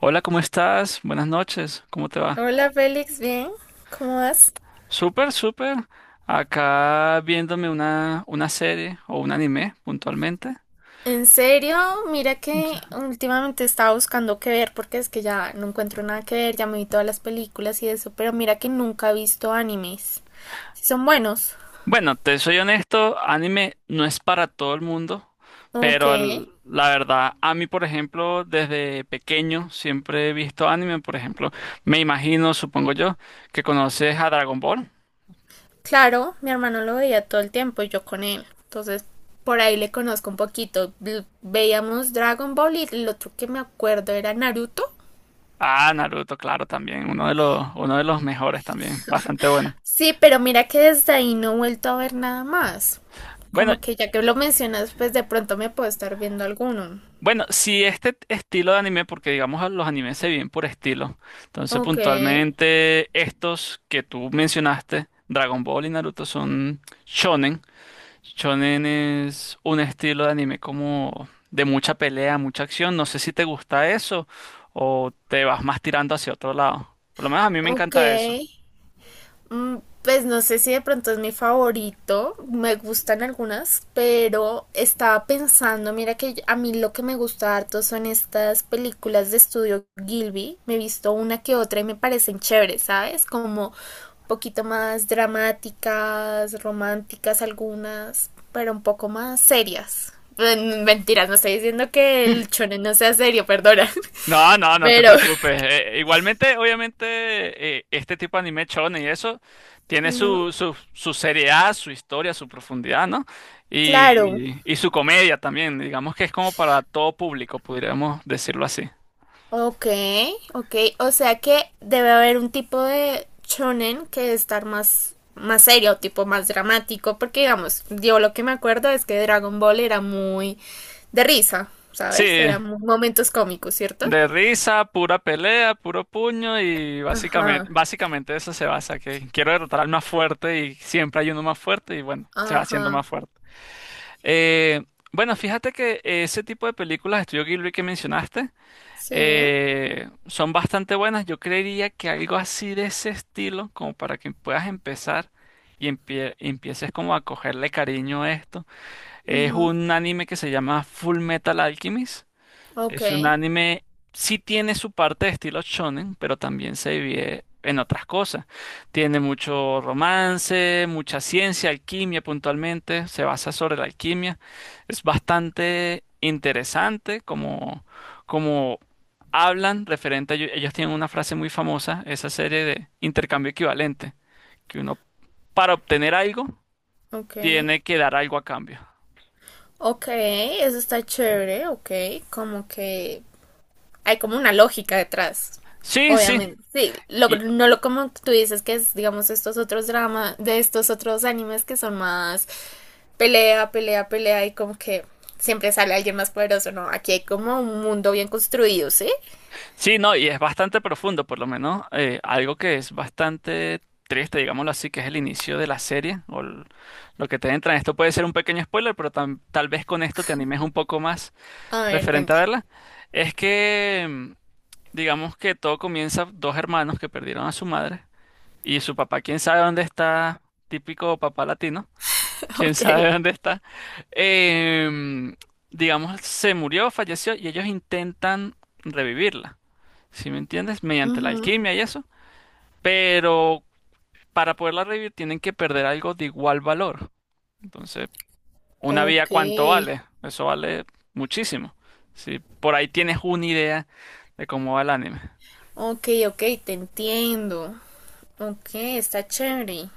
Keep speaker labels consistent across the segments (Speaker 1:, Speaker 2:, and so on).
Speaker 1: Hola, ¿cómo estás? Buenas noches, ¿cómo te va?
Speaker 2: Hola Félix, ¿bien? ¿Cómo vas?
Speaker 1: Súper, súper. Acá viéndome una serie o un anime puntualmente.
Speaker 2: En serio, mira que últimamente estaba buscando qué ver porque es que ya no encuentro nada que ver, ya me vi todas las películas y eso, pero mira que nunca he visto animes. Si son buenos.
Speaker 1: Bueno, te soy honesto, anime no es para todo el mundo,
Speaker 2: Ok.
Speaker 1: pero la verdad, a mí, por ejemplo, desde pequeño siempre he visto anime, por ejemplo, me imagino, supongo yo, que conoces a Dragon Ball.
Speaker 2: Claro, mi hermano lo veía todo el tiempo y yo con él. Entonces, por ahí le conozco un poquito. Veíamos Dragon Ball y el otro que me acuerdo era Naruto.
Speaker 1: Ah, Naruto, claro, también, uno de los mejores también, bastante bueno.
Speaker 2: Sí, pero mira que desde ahí no he vuelto a ver nada más.
Speaker 1: Bueno,
Speaker 2: Como que ya que lo mencionas, pues de pronto me puedo estar viendo alguno.
Speaker 1: Bueno, si este estilo de anime, porque digamos los animes se vienen por estilo, entonces
Speaker 2: Ok,
Speaker 1: puntualmente estos que tú mencionaste, Dragon Ball y Naruto, son shonen. Shonen es un estilo de anime como de mucha pelea, mucha acción. No sé si te gusta eso o te vas más tirando hacia otro lado. Por lo menos a mí me
Speaker 2: ok.
Speaker 1: encanta eso.
Speaker 2: Pues no sé si de pronto es mi favorito, me gustan algunas, pero estaba pensando, mira que a mí lo que me gusta harto son estas películas de estudio Gilby, me he visto una que otra y me parecen chéveres, ¿sabes? Como un poquito más dramáticas, románticas algunas, pero un poco más serias. Mentiras, no estoy diciendo que el shonen no sea serio, perdona,
Speaker 1: No, no, no te
Speaker 2: pero...
Speaker 1: preocupes. Igualmente, obviamente, este tipo de anime shonen y eso tiene
Speaker 2: Ujú,
Speaker 1: su seriedad, su historia, su profundidad, ¿no? Y,
Speaker 2: claro.
Speaker 1: y su comedia también. Digamos que es como para todo público, podríamos decirlo así.
Speaker 2: Ok, ok. O sea que debe haber un tipo de shonen que debe estar más, más serio, tipo más dramático, porque digamos, yo lo que me acuerdo es que Dragon Ball era muy de risa,
Speaker 1: Sí,
Speaker 2: ¿sabes? Eran momentos cómicos, ¿cierto?
Speaker 1: de risa, pura pelea, puro puño y básicamente,
Speaker 2: Ajá,
Speaker 1: básicamente eso se basa, que quiero derrotar al más fuerte y siempre hay uno más fuerte y bueno, se va haciendo
Speaker 2: ajá,
Speaker 1: más fuerte. Eh, bueno, fíjate que ese tipo de películas, de Estudio Ghibli que mencionaste,
Speaker 2: sí.
Speaker 1: son bastante buenas. Yo creería que algo así de ese estilo, como para que puedas empezar y empieces como a cogerle cariño a esto, es
Speaker 2: Ujú.
Speaker 1: un anime que se llama Full Metal Alchemist.
Speaker 2: Ok,
Speaker 1: Es un anime, sí tiene su parte de estilo shonen, pero también se divide en otras cosas. Tiene mucho romance, mucha ciencia, alquimia puntualmente, se basa sobre la alquimia. Es bastante interesante como hablan referente a ello. Ellos tienen una frase muy famosa, esa serie de intercambio equivalente, que uno para obtener algo
Speaker 2: ok.
Speaker 1: tiene que dar algo a cambio.
Speaker 2: Ok, eso está chévere, ok. Como que hay como una lógica detrás.
Speaker 1: Sí, sí.
Speaker 2: Obviamente, sí,
Speaker 1: Y
Speaker 2: no lo como tú dices que es, digamos, estos otros dramas, de estos otros animes que son más pelea, pelea, pelea y como que siempre sale alguien más poderoso, ¿no? Aquí hay como un mundo bien construido, ¿sí?
Speaker 1: Sí, no, y es bastante profundo, por lo menos algo que es bastante triste, digámoslo así, que es el inicio de la serie o lo que te entra. Esto puede ser un pequeño spoiler, pero tal vez con esto te animes un poco más
Speaker 2: A ver,
Speaker 1: referente a
Speaker 2: cuenta.
Speaker 1: verla. Es que, digamos que todo comienza dos hermanos que perdieron a su madre y su papá, quién sabe dónde está, típico papá latino, quién
Speaker 2: Ok.
Speaker 1: sabe dónde está. Em, digamos, se murió, falleció y ellos intentan revivirla, ¿si me entiendes? Mediante la
Speaker 2: Ujú.
Speaker 1: alquimia y eso. Pero para poderla revivir tienen que perder algo de igual valor. Entonces, ¿una vida
Speaker 2: Ok.
Speaker 1: cuánto vale? Eso vale muchísimo. Si por ahí tienes una idea de cómo va el anime.
Speaker 2: Ok, ok, te entiendo. Ok, está chévere.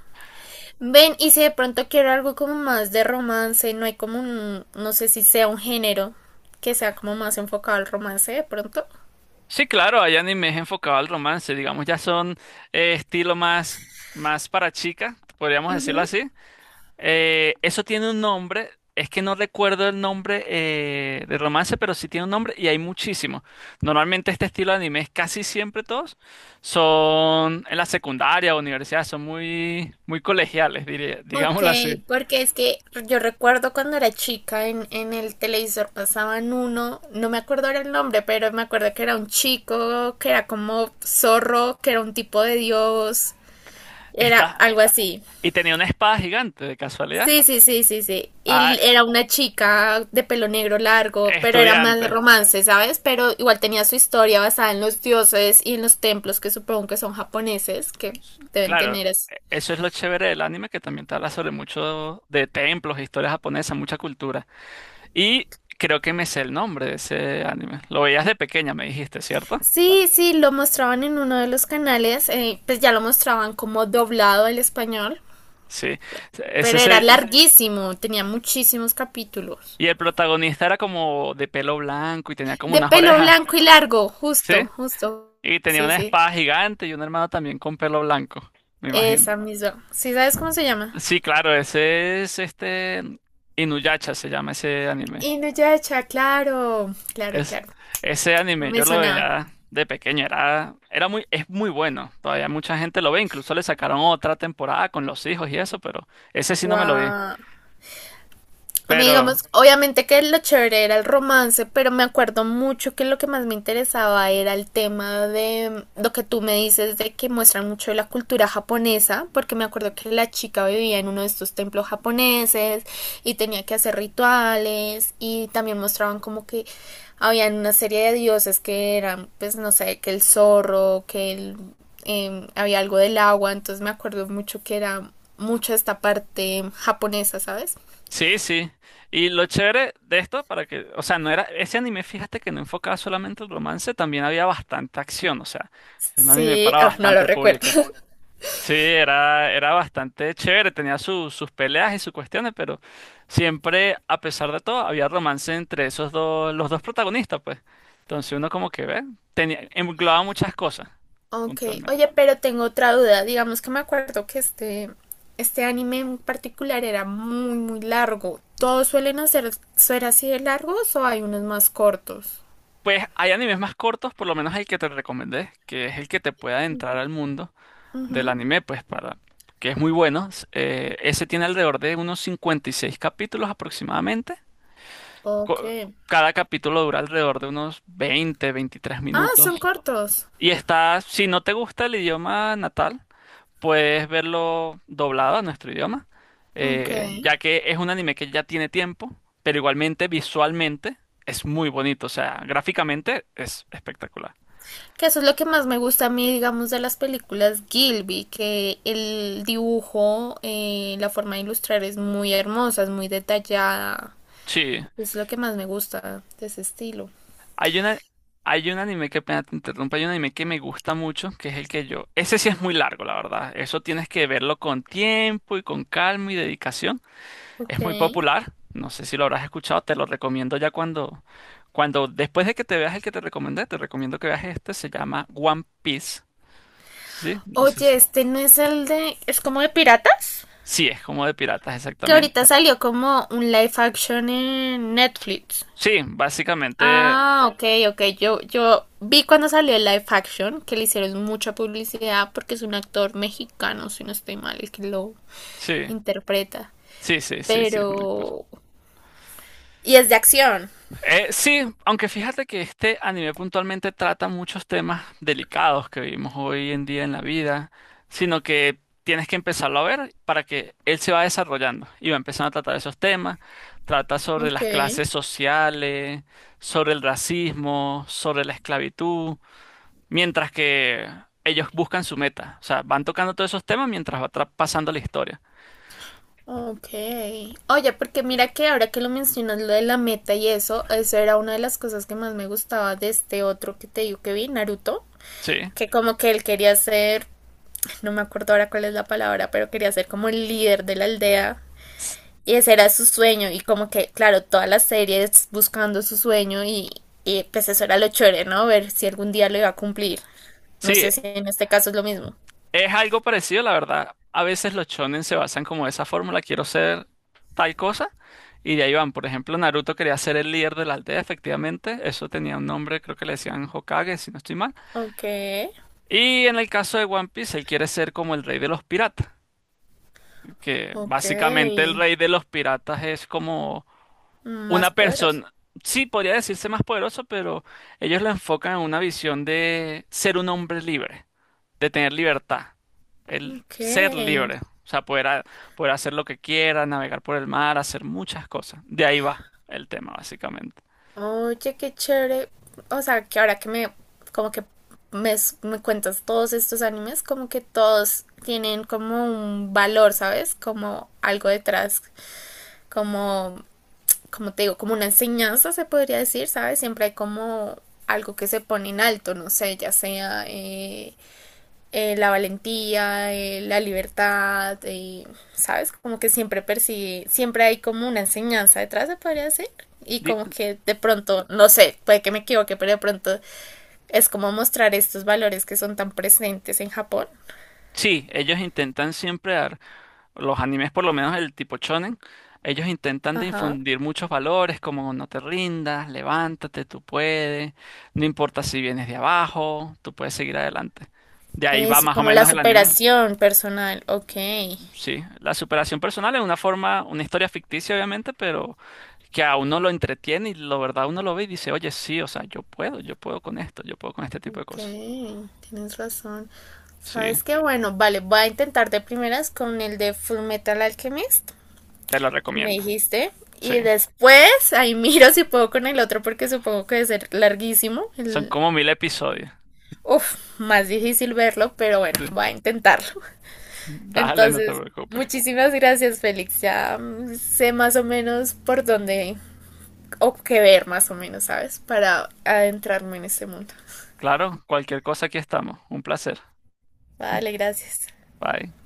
Speaker 2: Ven, y si de pronto quiero algo como más de romance, no hay como un, no sé si sea un género que sea como más enfocado al romance de pronto.
Speaker 1: Sí, claro, hay animes enfocados al romance, digamos, ya son estilo más para chicas, podríamos decirlo
Speaker 2: Ujú.
Speaker 1: así. Eso tiene un nombre, es que no recuerdo el nombre de romance, pero sí tiene un nombre y hay muchísimos. Normalmente este estilo de animes, casi siempre todos, son en la secundaria o universidad, son muy, muy colegiales, diría,
Speaker 2: Ok,
Speaker 1: digámoslo así.
Speaker 2: porque es que yo recuerdo cuando era chica en el televisor pasaban uno, no me acuerdo ahora el nombre, pero me acuerdo que era un chico, que era como zorro, que era un tipo de dios, era
Speaker 1: Está,
Speaker 2: algo así.
Speaker 1: y tenía una espada gigante, de casualidad.
Speaker 2: Sí, sí, sí, sí, sí. Y
Speaker 1: Ah,
Speaker 2: era una chica de pelo negro largo, pero era más
Speaker 1: estudiante.
Speaker 2: romance, ¿sabes? Pero igual tenía su historia basada en los dioses y en los templos que supongo que son japoneses, que deben
Speaker 1: Claro,
Speaker 2: tener eso.
Speaker 1: eso es lo chévere del anime, que también te habla sobre mucho de templos, historias japonesas, mucha cultura. Y creo que me sé el nombre de ese anime. Lo veías de pequeña, me dijiste, ¿cierto?
Speaker 2: Sí, sí, lo mostraban en uno de los canales, pues ya lo mostraban como doblado al español,
Speaker 1: Sí. Es
Speaker 2: pero era
Speaker 1: ese.
Speaker 2: larguísimo, tenía muchísimos capítulos.
Speaker 1: Y el protagonista era como de pelo blanco y tenía como
Speaker 2: De
Speaker 1: unas
Speaker 2: pelo
Speaker 1: orejas,
Speaker 2: blanco y largo, justo,
Speaker 1: ¿sí?
Speaker 2: justo.
Speaker 1: Y tenía
Speaker 2: Sí,
Speaker 1: una
Speaker 2: sí.
Speaker 1: espada gigante y un hermano también con pelo blanco, me imagino.
Speaker 2: Esa misma. ¿Sí sabes cómo se llama?
Speaker 1: Sí, claro, ese es este. Inuyasha se llama ese anime.
Speaker 2: Inuyasha, claro, claro,
Speaker 1: Es,
Speaker 2: claro.
Speaker 1: Ese
Speaker 2: No
Speaker 1: anime
Speaker 2: me
Speaker 1: yo lo
Speaker 2: sonaba.
Speaker 1: veía de pequeño, es muy bueno. Todavía mucha gente lo ve, incluso le sacaron otra temporada con los hijos y eso, pero ese sí no me lo vi.
Speaker 2: Guau. A mí, digamos,
Speaker 1: Pero
Speaker 2: obviamente que lo chévere era el romance, pero me acuerdo mucho que lo que más me interesaba era el tema de lo que tú me dices de que muestran mucho de la cultura japonesa, porque me acuerdo que la chica vivía en uno de estos templos japoneses y tenía que hacer rituales y también mostraban como que habían una serie de dioses que eran, pues no sé, que el zorro, que el, había algo del agua, entonces me acuerdo mucho que era mucho esta parte japonesa, ¿sabes?
Speaker 1: sí, sí. Y lo chévere de esto, para que, o sea, no era, ese anime, fíjate que no enfocaba solamente el romance, también había bastante acción, o sea, era un anime
Speaker 2: Sí,
Speaker 1: para
Speaker 2: oh, no lo
Speaker 1: bastante
Speaker 2: recuerdo.
Speaker 1: público. Sí, era bastante chévere, tenía sus peleas y sus cuestiones, pero siempre, a pesar de todo, había romance entre esos dos, los dos protagonistas, pues. Entonces uno como que ve, tenía, englobaba muchas cosas,
Speaker 2: Ok,
Speaker 1: puntualmente.
Speaker 2: oye, pero tengo otra duda. Digamos que me acuerdo que este anime en particular era muy, muy largo. ¿Todos suelen hacer, ser así de largos o hay unos más cortos?
Speaker 1: Pues hay animes más cortos, por lo menos el que te recomendé, que es el que te pueda entrar al mundo del
Speaker 2: Ujú,
Speaker 1: anime, pues para que es muy bueno. Ese tiene alrededor de unos 56 capítulos aproximadamente.
Speaker 2: ok.
Speaker 1: Co- Cada capítulo dura alrededor de unos 20 23
Speaker 2: Ah,
Speaker 1: minutos.
Speaker 2: son cortos.
Speaker 1: Y está, si no te gusta el idioma natal, puedes verlo doblado a nuestro idioma,
Speaker 2: Ok.
Speaker 1: ya que es un anime que ya tiene tiempo, pero igualmente visualmente es muy bonito, o sea, gráficamente es espectacular.
Speaker 2: Que eso es lo que más me gusta a mí, digamos, de las películas Gilby, que el dibujo, la forma de ilustrar es muy hermosa, es muy detallada.
Speaker 1: Sí.
Speaker 2: Es lo que más me gusta de ese estilo.
Speaker 1: Hay una, Hay un anime, que pena te interrumpa, hay un anime que me gusta mucho, que es el que yo. Ese sí es muy largo, la verdad. Eso tienes que verlo con tiempo y con calma y dedicación. Es
Speaker 2: Ok.
Speaker 1: muy popular. No sé si lo habrás escuchado, te lo recomiendo ya cuando, después de que te veas el que te recomendé, te recomiendo que veas este, se llama One Piece. ¿Sí? No sé
Speaker 2: Oye,
Speaker 1: si.
Speaker 2: este no es el de... ¿Es como de piratas?
Speaker 1: Sí, es como de piratas,
Speaker 2: Que
Speaker 1: exactamente.
Speaker 2: ahorita salió como un live action en Netflix.
Speaker 1: Sí, básicamente,
Speaker 2: Ah, ok, ok. Yo vi cuando salió el live action que le hicieron mucha publicidad porque es un actor mexicano, si no estoy mal, el que lo
Speaker 1: sí,
Speaker 2: interpreta.
Speaker 1: sí, sí, sí, sí, es un actor.
Speaker 2: Pero... Y es de acción.
Speaker 1: Sí, aunque fíjate que este anime puntualmente trata muchos temas delicados que vivimos hoy en día en la vida, sino que tienes que empezarlo a ver para que él se va desarrollando y va empezando a tratar esos temas, trata sobre
Speaker 2: Ok.
Speaker 1: las clases sociales, sobre el racismo, sobre la esclavitud, mientras que ellos buscan su meta, o sea, van tocando todos esos temas mientras va pasando la historia.
Speaker 2: Ok. Oye, porque mira que ahora que lo mencionas, lo de la meta y eso era una de las cosas que más me gustaba de este otro que te digo que vi, Naruto.
Speaker 1: Sí.
Speaker 2: Que como que él quería ser, no me acuerdo ahora cuál es la palabra, pero quería ser como el líder de la aldea
Speaker 1: S-
Speaker 2: y ese era su sueño y como que, claro, toda la serie es buscando su sueño y pues eso era lo chévere, ¿no? Ver si algún día lo iba a cumplir. No
Speaker 1: Sí,
Speaker 2: sé si en este caso es lo mismo.
Speaker 1: es algo parecido, la verdad. A veces los shonen se basan como esa fórmula, quiero ser tal cosa, y de ahí van. Por ejemplo, Naruto quería ser el líder de la aldea, efectivamente. Eso tenía un nombre, creo que le decían Hokage, si no estoy mal.
Speaker 2: Ok,
Speaker 1: Y en el caso de One Piece, él quiere ser como el rey de los piratas, que
Speaker 2: ok,
Speaker 1: básicamente el rey de los piratas es como
Speaker 2: más
Speaker 1: una
Speaker 2: poderoso.
Speaker 1: persona, sí, podría decirse más poderoso, pero ellos lo enfocan en una visión de ser un hombre libre. De tener libertad, el
Speaker 2: Ok.
Speaker 1: ser libre, o sea, poder, poder hacer lo que quiera, navegar por el mar, hacer muchas cosas. De ahí va el tema, básicamente.
Speaker 2: Oye, qué chévere. O sea, que ahora que me, como que me, me cuentas todos estos animes, como que todos tienen como un valor, ¿sabes? Como algo detrás, como, como te digo, como una enseñanza se podría decir, ¿sabes? Siempre hay como algo que se pone en alto, no sé, ya sea la valentía, la libertad, ¿sabes? Como que siempre persigue, siempre hay como una enseñanza detrás, se podría decir. Y
Speaker 1: Di-
Speaker 2: como que de pronto, no sé, puede que me equivoque, pero de pronto es como mostrar estos valores que son tan presentes en Japón.
Speaker 1: sí, ellos intentan siempre dar, los animes por lo menos el tipo shonen, ellos intentan de
Speaker 2: Ajá.
Speaker 1: infundir muchos valores como no te rindas, levántate, tú puedes, no importa si vienes de abajo, tú puedes seguir adelante. De ahí va
Speaker 2: Es
Speaker 1: más o
Speaker 2: como la
Speaker 1: menos el anime.
Speaker 2: superación personal. Ok.
Speaker 1: Sí, la superación personal es una forma, una historia ficticia obviamente, pero que a uno lo entretiene y la verdad uno lo ve y dice, oye, sí, o sea, yo puedo con esto, yo puedo con este tipo de
Speaker 2: Ok,
Speaker 1: cosas.
Speaker 2: tienes razón.
Speaker 1: Sí,
Speaker 2: ¿Sabes qué? Bueno, vale, voy a intentar de primeras con el de Full Metal Alchemist.
Speaker 1: te lo
Speaker 2: Me
Speaker 1: recomiendo.
Speaker 2: dijiste.
Speaker 1: Sí,
Speaker 2: Y después ahí miro si puedo con el otro porque supongo que debe ser larguísimo.
Speaker 1: son
Speaker 2: El...
Speaker 1: como 1.000 episodios.
Speaker 2: Uf, más difícil verlo, pero bueno,
Speaker 1: Sí.
Speaker 2: voy a intentarlo.
Speaker 1: Dale, no te
Speaker 2: Entonces,
Speaker 1: preocupes.
Speaker 2: muchísimas gracias, Félix. Ya sé más o menos por dónde o qué ver más o menos, ¿sabes? Para adentrarme en este mundo.
Speaker 1: Claro, cualquier cosa aquí estamos. Un placer.
Speaker 2: Vale, gracias.
Speaker 1: Bye.